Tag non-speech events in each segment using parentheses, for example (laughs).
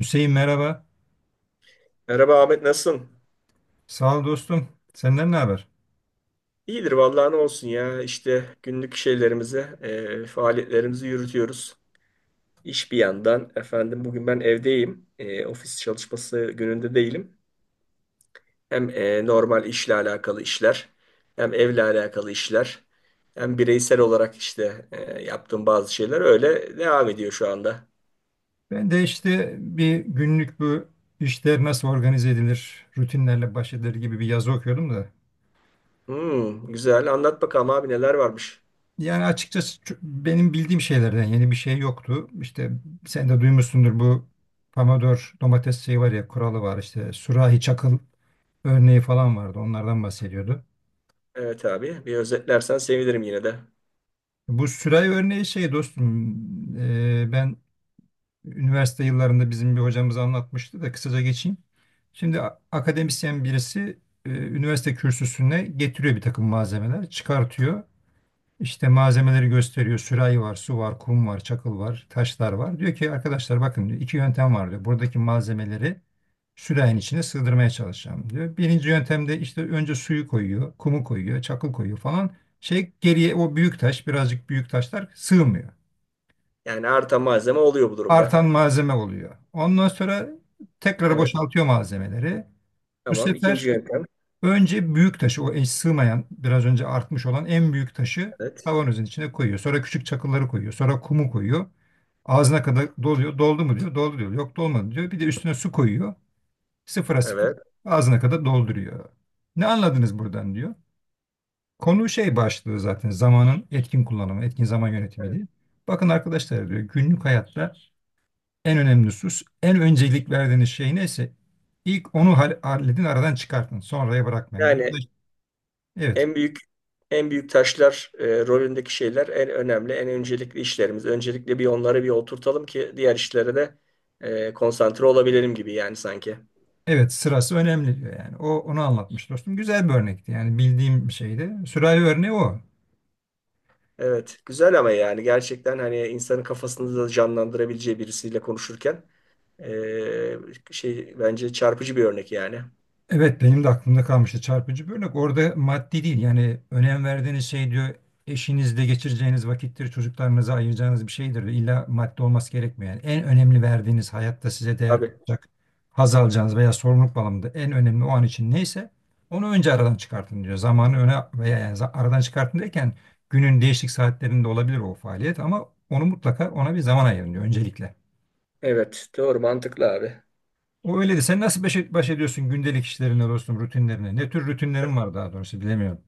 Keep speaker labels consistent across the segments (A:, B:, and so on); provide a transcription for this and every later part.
A: Hüseyin merhaba.
B: Merhaba Ahmet, nasılsın?
A: Sağ ol dostum. Senden ne haber?
B: İyidir vallahi, ne olsun ya, işte günlük şeylerimizi, faaliyetlerimizi yürütüyoruz. İş bir yandan efendim, bugün ben evdeyim. Ofis çalışması gününde değilim. Hem normal işle alakalı işler, hem evle alakalı işler, hem bireysel olarak işte yaptığım bazı şeyler öyle devam ediyor şu anda.
A: Ben de işte bir günlük bu işler nasıl organize edilir, rutinlerle baş edilir gibi bir yazı okuyordum da.
B: Hmm, güzel, anlat bakalım abi, neler varmış.
A: Yani açıkçası benim bildiğim şeylerden yeni bir şey yoktu. İşte sen de duymuşsundur bu Pomodoro domates şeyi var ya kuralı var işte sürahi çakıl örneği falan vardı onlardan bahsediyordu.
B: Evet abi, bir özetlersen sevinirim yine de.
A: Bu sürahi örneği şey dostum ben üniversite yıllarında bizim bir hocamız anlatmıştı da kısaca geçeyim. Şimdi akademisyen birisi üniversite kürsüsüne getiriyor bir takım malzemeler, çıkartıyor. İşte malzemeleri gösteriyor. Sürahi var, su var, kum var, çakıl var, taşlar var. Diyor ki arkadaşlar bakın diyor iki yöntem var diyor. Buradaki malzemeleri sürahinin içine sığdırmaya çalışacağım diyor. Birinci yöntemde işte önce suyu koyuyor, kumu koyuyor, çakıl koyuyor falan. Şey geriye o büyük taş, birazcık büyük taşlar sığmıyor
B: Yani artan malzeme oluyor bu
A: artan
B: durumda.
A: malzeme oluyor. Ondan sonra tekrar
B: Evet.
A: boşaltıyor malzemeleri. Bu
B: Tamam. İkinci
A: sefer
B: yöntem.
A: önce büyük taşı, o eş sığmayan, biraz önce artmış olan en büyük taşı
B: Evet.
A: kavanozun içine koyuyor. Sonra küçük çakılları koyuyor. Sonra kumu koyuyor. Ağzına kadar doluyor. Doldu mu diyor. Doldu diyor. Yok dolmadı diyor. Bir de üstüne su koyuyor. Sıfıra sıfır
B: Evet.
A: ağzına kadar dolduruyor. Ne anladınız buradan diyor. Konu şey başlığı zaten zamanın etkin kullanımı, etkin zaman yönetimi
B: Evet.
A: diye. Bakın arkadaşlar diyor günlük hayatta en önemli husus, en öncelik verdiğiniz şey neyse ilk onu halledin, aradan çıkartın. Sonraya bırakmayın. Burada
B: Yani
A: evet.
B: en büyük en büyük taşlar rolündeki şeyler en önemli, en öncelikli işlerimiz. Öncelikle bir onları bir oturtalım ki diğer işlere de konsantre olabilelim gibi yani, sanki.
A: Evet, sırası önemli diyor yani. O onu anlatmış dostum. Güzel bir örnekti. Yani bildiğim bir şeydi. Sürahi örneği o.
B: Evet, güzel, ama yani gerçekten hani insanın kafasını da canlandırabileceği birisiyle konuşurken e, şey, bence çarpıcı bir örnek yani.
A: Evet benim de aklımda kalmıştı çarpıcı bir örnek. Orada maddi değil yani önem verdiğiniz şey diyor eşinizle geçireceğiniz vakittir, çocuklarınıza ayıracağınız bir şeydir. İlla maddi olması gerekmiyor. Yani en önemli verdiğiniz hayatta size değer
B: Abi.
A: katacak, haz alacağınız veya sorumluluk bağlamında en önemli o an için neyse onu önce aradan çıkartın diyor. Zamanı öne veya yani aradan çıkartın derken günün değişik saatlerinde olabilir o faaliyet ama onu mutlaka ona bir zaman ayırın diyor öncelikle.
B: Evet, doğru, mantıklı abi.
A: O öyle de sen nasıl baş ediyorsun gündelik işlerine dostum rutinlerine? Ne tür rutinlerin var daha doğrusu bilemiyorum.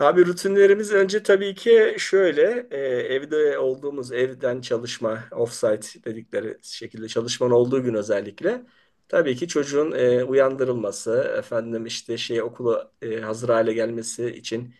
B: Abi, rutinlerimiz önce tabii ki şöyle evde olduğumuz, evden çalışma offsite dedikleri şekilde çalışmanın olduğu gün özellikle tabii ki çocuğun uyandırılması, efendim işte şey, okula hazır hale gelmesi için,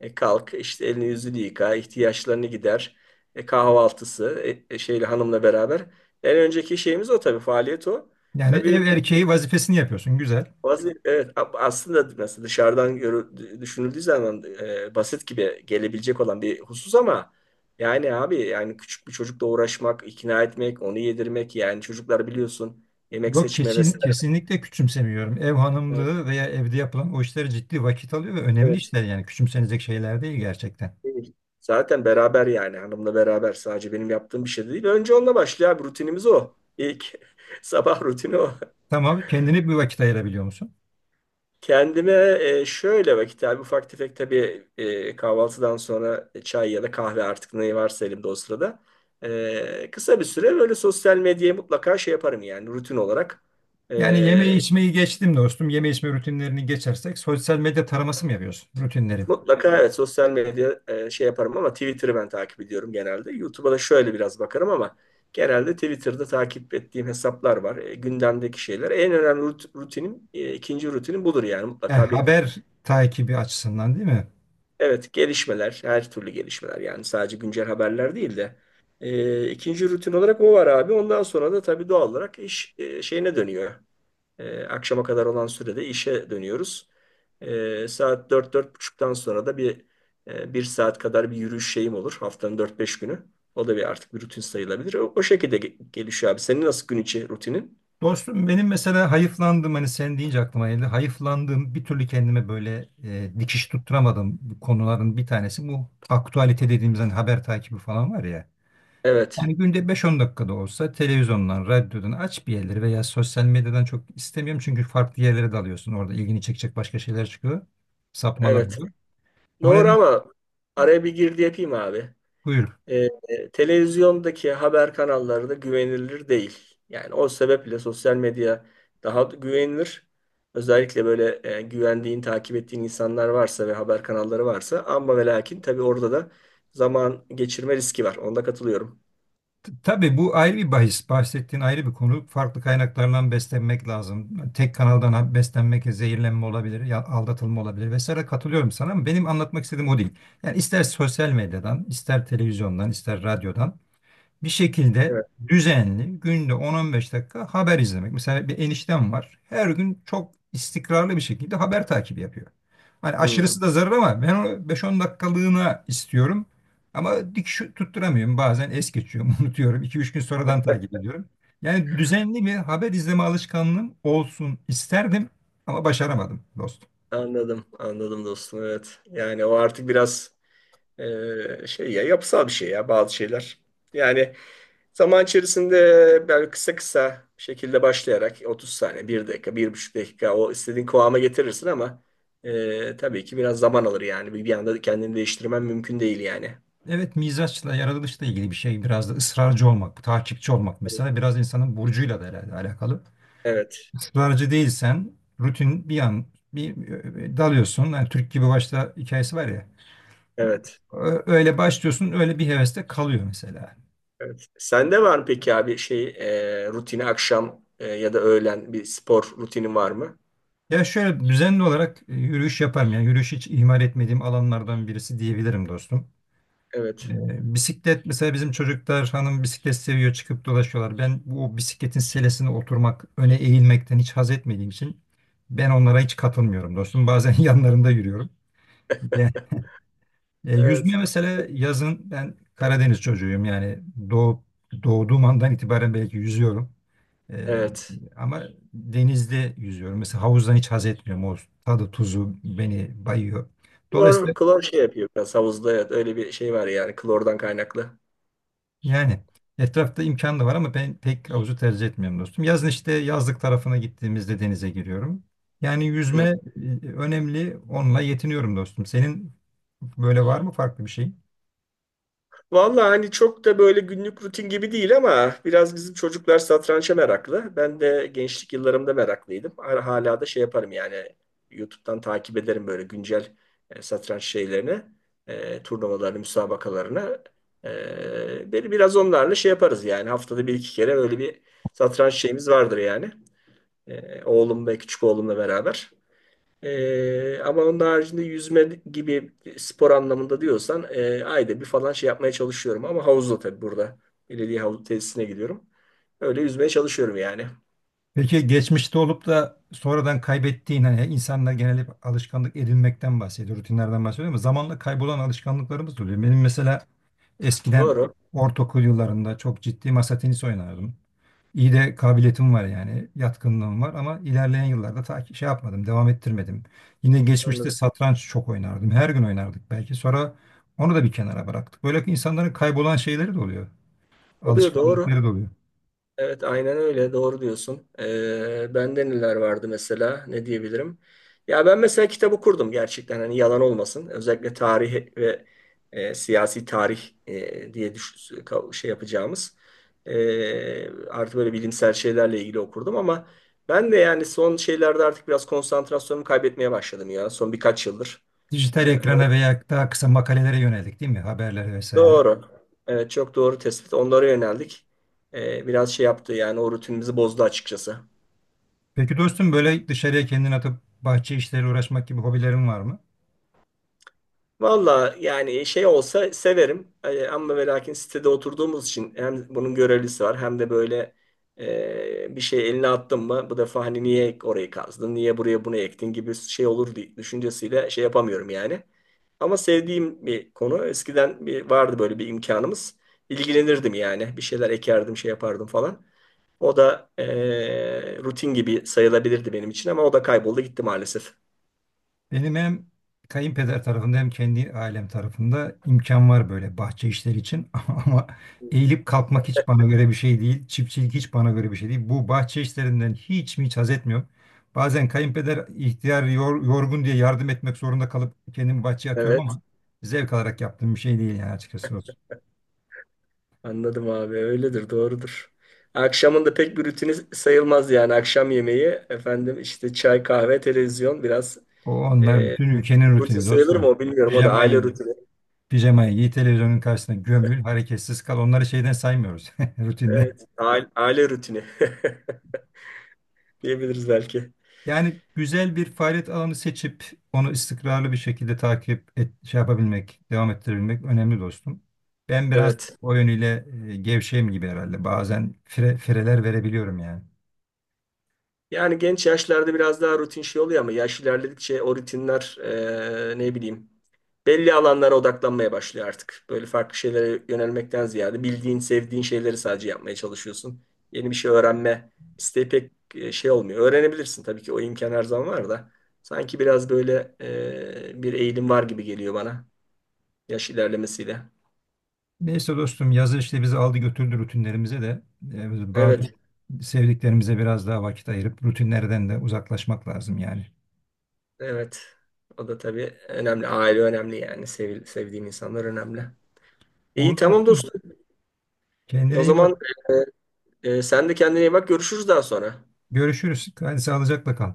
B: kalk, işte elini yüzünü yıka, ihtiyaçlarını gider, kahvaltısı, şeyle, hanımla beraber en önceki şeyimiz o, tabii faaliyet o.
A: Yani ev
B: Tabii bu
A: erkeği vazifesini yapıyorsun güzel.
B: bazı, evet aslında mesela dışarıdan düşünüldüğü zaman basit gibi gelebilecek olan bir husus ama yani abi, yani küçük bir çocukla uğraşmak, ikna etmek, onu yedirmek, yani çocuklar biliyorsun, yemek
A: Yok
B: seçme
A: kesin
B: vesaire.
A: kesinlikle küçümsemiyorum. Ev
B: Evet,
A: hanımlığı veya evde yapılan o işler ciddi vakit alıyor ve önemli
B: evet.
A: işler yani küçümsenecek şeyler değil gerçekten.
B: Değil. Zaten beraber, yani hanımla beraber, sadece benim yaptığım bir şey de değil. Önce onunla başlıyor abi, rutinimiz o. İlk (laughs) sabah rutini o.
A: Tamam kendine bir vakit ayırabiliyor musun?
B: Kendime şöyle vakit abi, ufak tefek tabii, kahvaltıdan sonra çay ya da kahve artık, ne varsa elimde o sırada. Kısa bir süre böyle sosyal medyaya mutlaka şey yaparım yani, rutin olarak.
A: Yani yemeği
B: E,
A: içmeyi geçtim dostum. Yeme içme rutinlerini geçersek sosyal medya taraması mı yapıyorsun rutinleri?
B: Mutlaka evet, sosyal medya şey yaparım ama Twitter'ı ben takip ediyorum genelde. YouTube'a da şöyle biraz bakarım ama genelde Twitter'da takip ettiğim hesaplar var. Gündemdeki şeyler. En önemli rutinim, ikinci rutinim budur yani,
A: E,
B: mutlaka bir.
A: haber takibi açısından değil mi?
B: Evet, gelişmeler, her türlü gelişmeler, yani sadece güncel haberler değil de ikinci rutin olarak o var abi. Ondan sonra da tabii doğal olarak iş şeyine dönüyor. Akşama kadar olan sürede işe dönüyoruz. Saat dört, dört buçuktan sonra da bir bir saat kadar bir yürüyüş şeyim olur. Haftanın dört beş günü. O da bir, artık bir rutin sayılabilir. O şekilde gelişiyor abi. Senin nasıl gün içi rutinin?
A: Dostum benim mesela hayıflandığım hani sen deyince aklıma geldi. Hayıflandığım bir türlü kendime böyle dikiş tutturamadığım konuların bir tanesi bu aktualite dediğimiz hani haber takibi falan var ya.
B: Evet,
A: Yani günde beş on dakikada olsa televizyondan, radyodan aç bir yerleri veya sosyal medyadan çok istemiyorum. Çünkü farklı yerlere dalıyorsun. Orada ilgini çekecek başka şeyler çıkıyor. Sapmalar
B: evet.
A: oluyor. O
B: Doğru,
A: nedenle
B: ama araya bir girdi yapayım abi.
A: buyur.
B: Televizyondaki haber kanalları da güvenilir değil. Yani o sebeple sosyal medya daha güvenilir. Özellikle böyle güvendiğin, takip ettiğin insanlar varsa ve haber kanalları varsa, ama ve lakin tabii orada da zaman geçirme riski var. Onda katılıyorum.
A: T- Tabii bu ayrı bir bahis. Bahsettiğin ayrı bir konu. Farklı kaynaklardan beslenmek lazım. Tek kanaldan beslenmek zehirlenme olabilir, aldatılma olabilir vesaire. Katılıyorum sana ama benim anlatmak istediğim o değil. Yani ister sosyal medyadan, ister televizyondan, ister radyodan bir şekilde
B: Evet.
A: düzenli günde 10-15 dakika haber izlemek. Mesela bir eniştem var. Her gün çok istikrarlı bir şekilde haber takibi yapıyor. Hani
B: Hmm,
A: aşırısı da zarar ama ben onu 5-10 dakikalığına istiyorum. Ama dik şu tutturamıyorum. Bazen es geçiyorum, (laughs) unutuyorum. İki üç gün sonradan takip ediyorum. Yani düzenli bir haber izleme alışkanlığım olsun isterdim ama başaramadım dostum.
B: anladım, anladım dostum. Evet. Yani o artık biraz şey, ya yapısal bir şey ya bazı şeyler. Yani zaman içerisinde böyle kısa kısa bir şekilde başlayarak 30 saniye, bir dakika, bir buçuk dakika o istediğin kıvama getirirsin ama tabii ki biraz zaman alır yani. Bir anda kendini değiştirmen mümkün değil yani.
A: Evet mizaçla, yaratılışla ilgili bir şey. Biraz da ısrarcı olmak, takipçi olmak mesela biraz insanın burcuyla da herhalde alakalı.
B: Evet,
A: Israrcı değilsen rutin bir an bir dalıyorsun. Yani Türk gibi başta hikayesi var ya.
B: evet,
A: Öyle başlıyorsun, öyle bir heveste kalıyor mesela.
B: evet. Sende var mı peki abi şey, rutini, akşam ya da öğlen bir spor rutinin var mı?
A: Ya şöyle düzenli olarak yürüyüş yaparım. Yani yürüyüş hiç ihmal etmediğim alanlardan birisi diyebilirim dostum.
B: Evet,
A: Bisiklet mesela bizim çocuklar hanım bisiklet seviyor çıkıp dolaşıyorlar. Ben bu bisikletin selesine oturmak, öne eğilmekten hiç haz etmediğim için ben onlara hiç katılmıyorum dostum. Bazen (laughs) yanlarında yürüyorum. Yüzme
B: evet,
A: mesela yazın ben Karadeniz çocuğuyum yani doğup doğduğum andan itibaren belki yüzüyorum. E,
B: evet.
A: ama denizde yüzüyorum. Mesela havuzdan hiç haz etmiyorum. O tadı tuzu beni bayıyor.
B: Klor,
A: Dolayısıyla
B: klor şey yapıyor biraz havuzda, evet, öyle bir şey var yani, klordan kaynaklı.
A: yani etrafta imkan da var ama ben pek havuzu tercih etmiyorum dostum. Yazın işte yazlık tarafına gittiğimizde denize giriyorum. Yani yüzme önemli. Onunla yetiniyorum dostum. Senin böyle var mı farklı bir şey?
B: Vallahi hani çok da böyle günlük rutin gibi değil ama biraz bizim çocuklar satrança meraklı. Ben de gençlik yıllarımda meraklıydım. Hala hala da şey yaparım yani, YouTube'dan takip ederim böyle güncel satranç şeylerini, turnuvalarını, müsabakalarını. Beni biraz onlarla şey yaparız yani, haftada bir iki kere böyle bir satranç şeyimiz vardır yani. Oğlum ve küçük oğlumla beraber. Ama onun haricinde yüzme gibi spor anlamında diyorsan ayda bir falan şey yapmaya çalışıyorum. Ama havuzda tabii, burada. Belediye havuz tesisine gidiyorum. Öyle yüzmeye çalışıyorum yani.
A: Peki geçmişte olup da sonradan kaybettiğin hani insanlar genel hep alışkanlık edinmekten bahsediyor, rutinlerden bahsediyor ama zamanla kaybolan alışkanlıklarımız da oluyor. Benim mesela eskiden
B: Doğru.
A: ortaokul yıllarında çok ciddi masa tenisi oynardım. İyi de kabiliyetim var yani, yatkınlığım var ama ilerleyen yıllarda ta ki şey yapmadım, devam ettirmedim. Yine geçmişte
B: Anladım.
A: satranç çok oynardım. Her gün oynardık belki. Sonra onu da bir kenara bıraktık. Böyle insanların kaybolan şeyleri de oluyor,
B: Oluyor, doğru.
A: alışkanlıkları da oluyor.
B: Evet, aynen öyle. Doğru diyorsun. Bende neler vardı mesela? Ne diyebilirim? Ya ben mesela kitap okurdum gerçekten. Hani yalan olmasın. Özellikle tarih ve siyasi tarih diye şey yapacağımız. Artık böyle bilimsel şeylerle ilgili okurdum ama ben de yani son şeylerde artık biraz konsantrasyonumu kaybetmeye başladım ya. Son birkaç yıldır. Ee,
A: Dijital ekrana veya daha kısa makalelere yönelik değil mi? Haberlere vesaire.
B: doğru. Evet, çok doğru tespit. Onlara yöneldik. Biraz şey yaptı yani, o rutinimizi bozdu açıkçası.
A: Peki dostum böyle dışarıya kendini atıp bahçe işleriyle uğraşmak gibi hobilerin var mı?
B: Valla yani şey olsa severim. Ama ve lakin sitede oturduğumuz için hem bunun görevlisi var, hem de böyle bir şey eline attın mı bu defa, hani niye orayı kazdın, niye buraya bunu ektin gibi şey olur diye düşüncesiyle şey yapamıyorum yani. Ama sevdiğim bir konu, eskiden bir vardı böyle bir imkanımız, ilgilenirdim yani, bir şeyler ekerdim şey yapardım falan. O da rutin gibi sayılabilirdi benim için ama o da kayboldu gitti maalesef.
A: Benim hem kayınpeder tarafında hem kendi ailem tarafında imkan var böyle bahçe işleri için. (laughs) Ama eğilip kalkmak hiç bana göre bir şey değil. Çiftçilik hiç bana göre bir şey değil. Bu bahçe işlerinden hiç mi hiç haz etmiyorum. Bazen kayınpeder ihtiyar yorgun diye yardım etmek zorunda kalıp kendimi bahçeye atıyorum ama zevk alarak yaptığım bir şey değil yani açıkçası.
B: Anladım abi, öyledir, doğrudur. Akşamın da pek bir rutini sayılmaz yani, akşam yemeği, efendim işte çay, kahve, televizyon biraz,
A: O anlar
B: e,
A: bütün ülkenin
B: rutin
A: rutini
B: sayılır mı
A: dostum.
B: o bilmiyorum, o da aile
A: Pijamayı,
B: rutini.
A: pijamayı giy, televizyonun karşısına gömül, hareketsiz kal. Onları şeyden saymıyoruz (laughs) rutinde.
B: Evet, aile rutini (laughs) diyebiliriz belki.
A: Yani güzel bir faaliyet alanı seçip onu istikrarlı bir şekilde takip et, şey yapabilmek, devam ettirebilmek önemli dostum. Ben biraz
B: Evet.
A: o yönüyle gevşeyim gibi herhalde. Bazen fireler verebiliyorum yani.
B: Yani genç yaşlarda biraz daha rutin şey oluyor ama yaş ilerledikçe o rutinler ne bileyim belli alanlara odaklanmaya başlıyor artık. Böyle farklı şeylere yönelmekten ziyade bildiğin, sevdiğin şeyleri sadece yapmaya çalışıyorsun. Yeni bir şey öğrenme isteği pek şey olmuyor. Öğrenebilirsin tabii ki, o imkan her zaman var da sanki biraz böyle bir eğilim var gibi geliyor bana, yaş ilerlemesiyle.
A: Neyse dostum yazı işte bizi aldı götürdü rutinlerimize de bazen
B: Evet,
A: sevdiklerimize biraz daha vakit ayırıp rutinlerden de uzaklaşmak lazım yani.
B: evet. O da tabii önemli. Aile önemli yani. Sevil- sevdiğin insanlar önemli. İyi,
A: Oldu
B: tamam
A: bakayım.
B: dostum. O
A: Kendine iyi bak.
B: zaman sen de kendine iyi bak. Görüşürüz daha sonra.
A: Görüşürüz. Hadi sağlıcakla kal.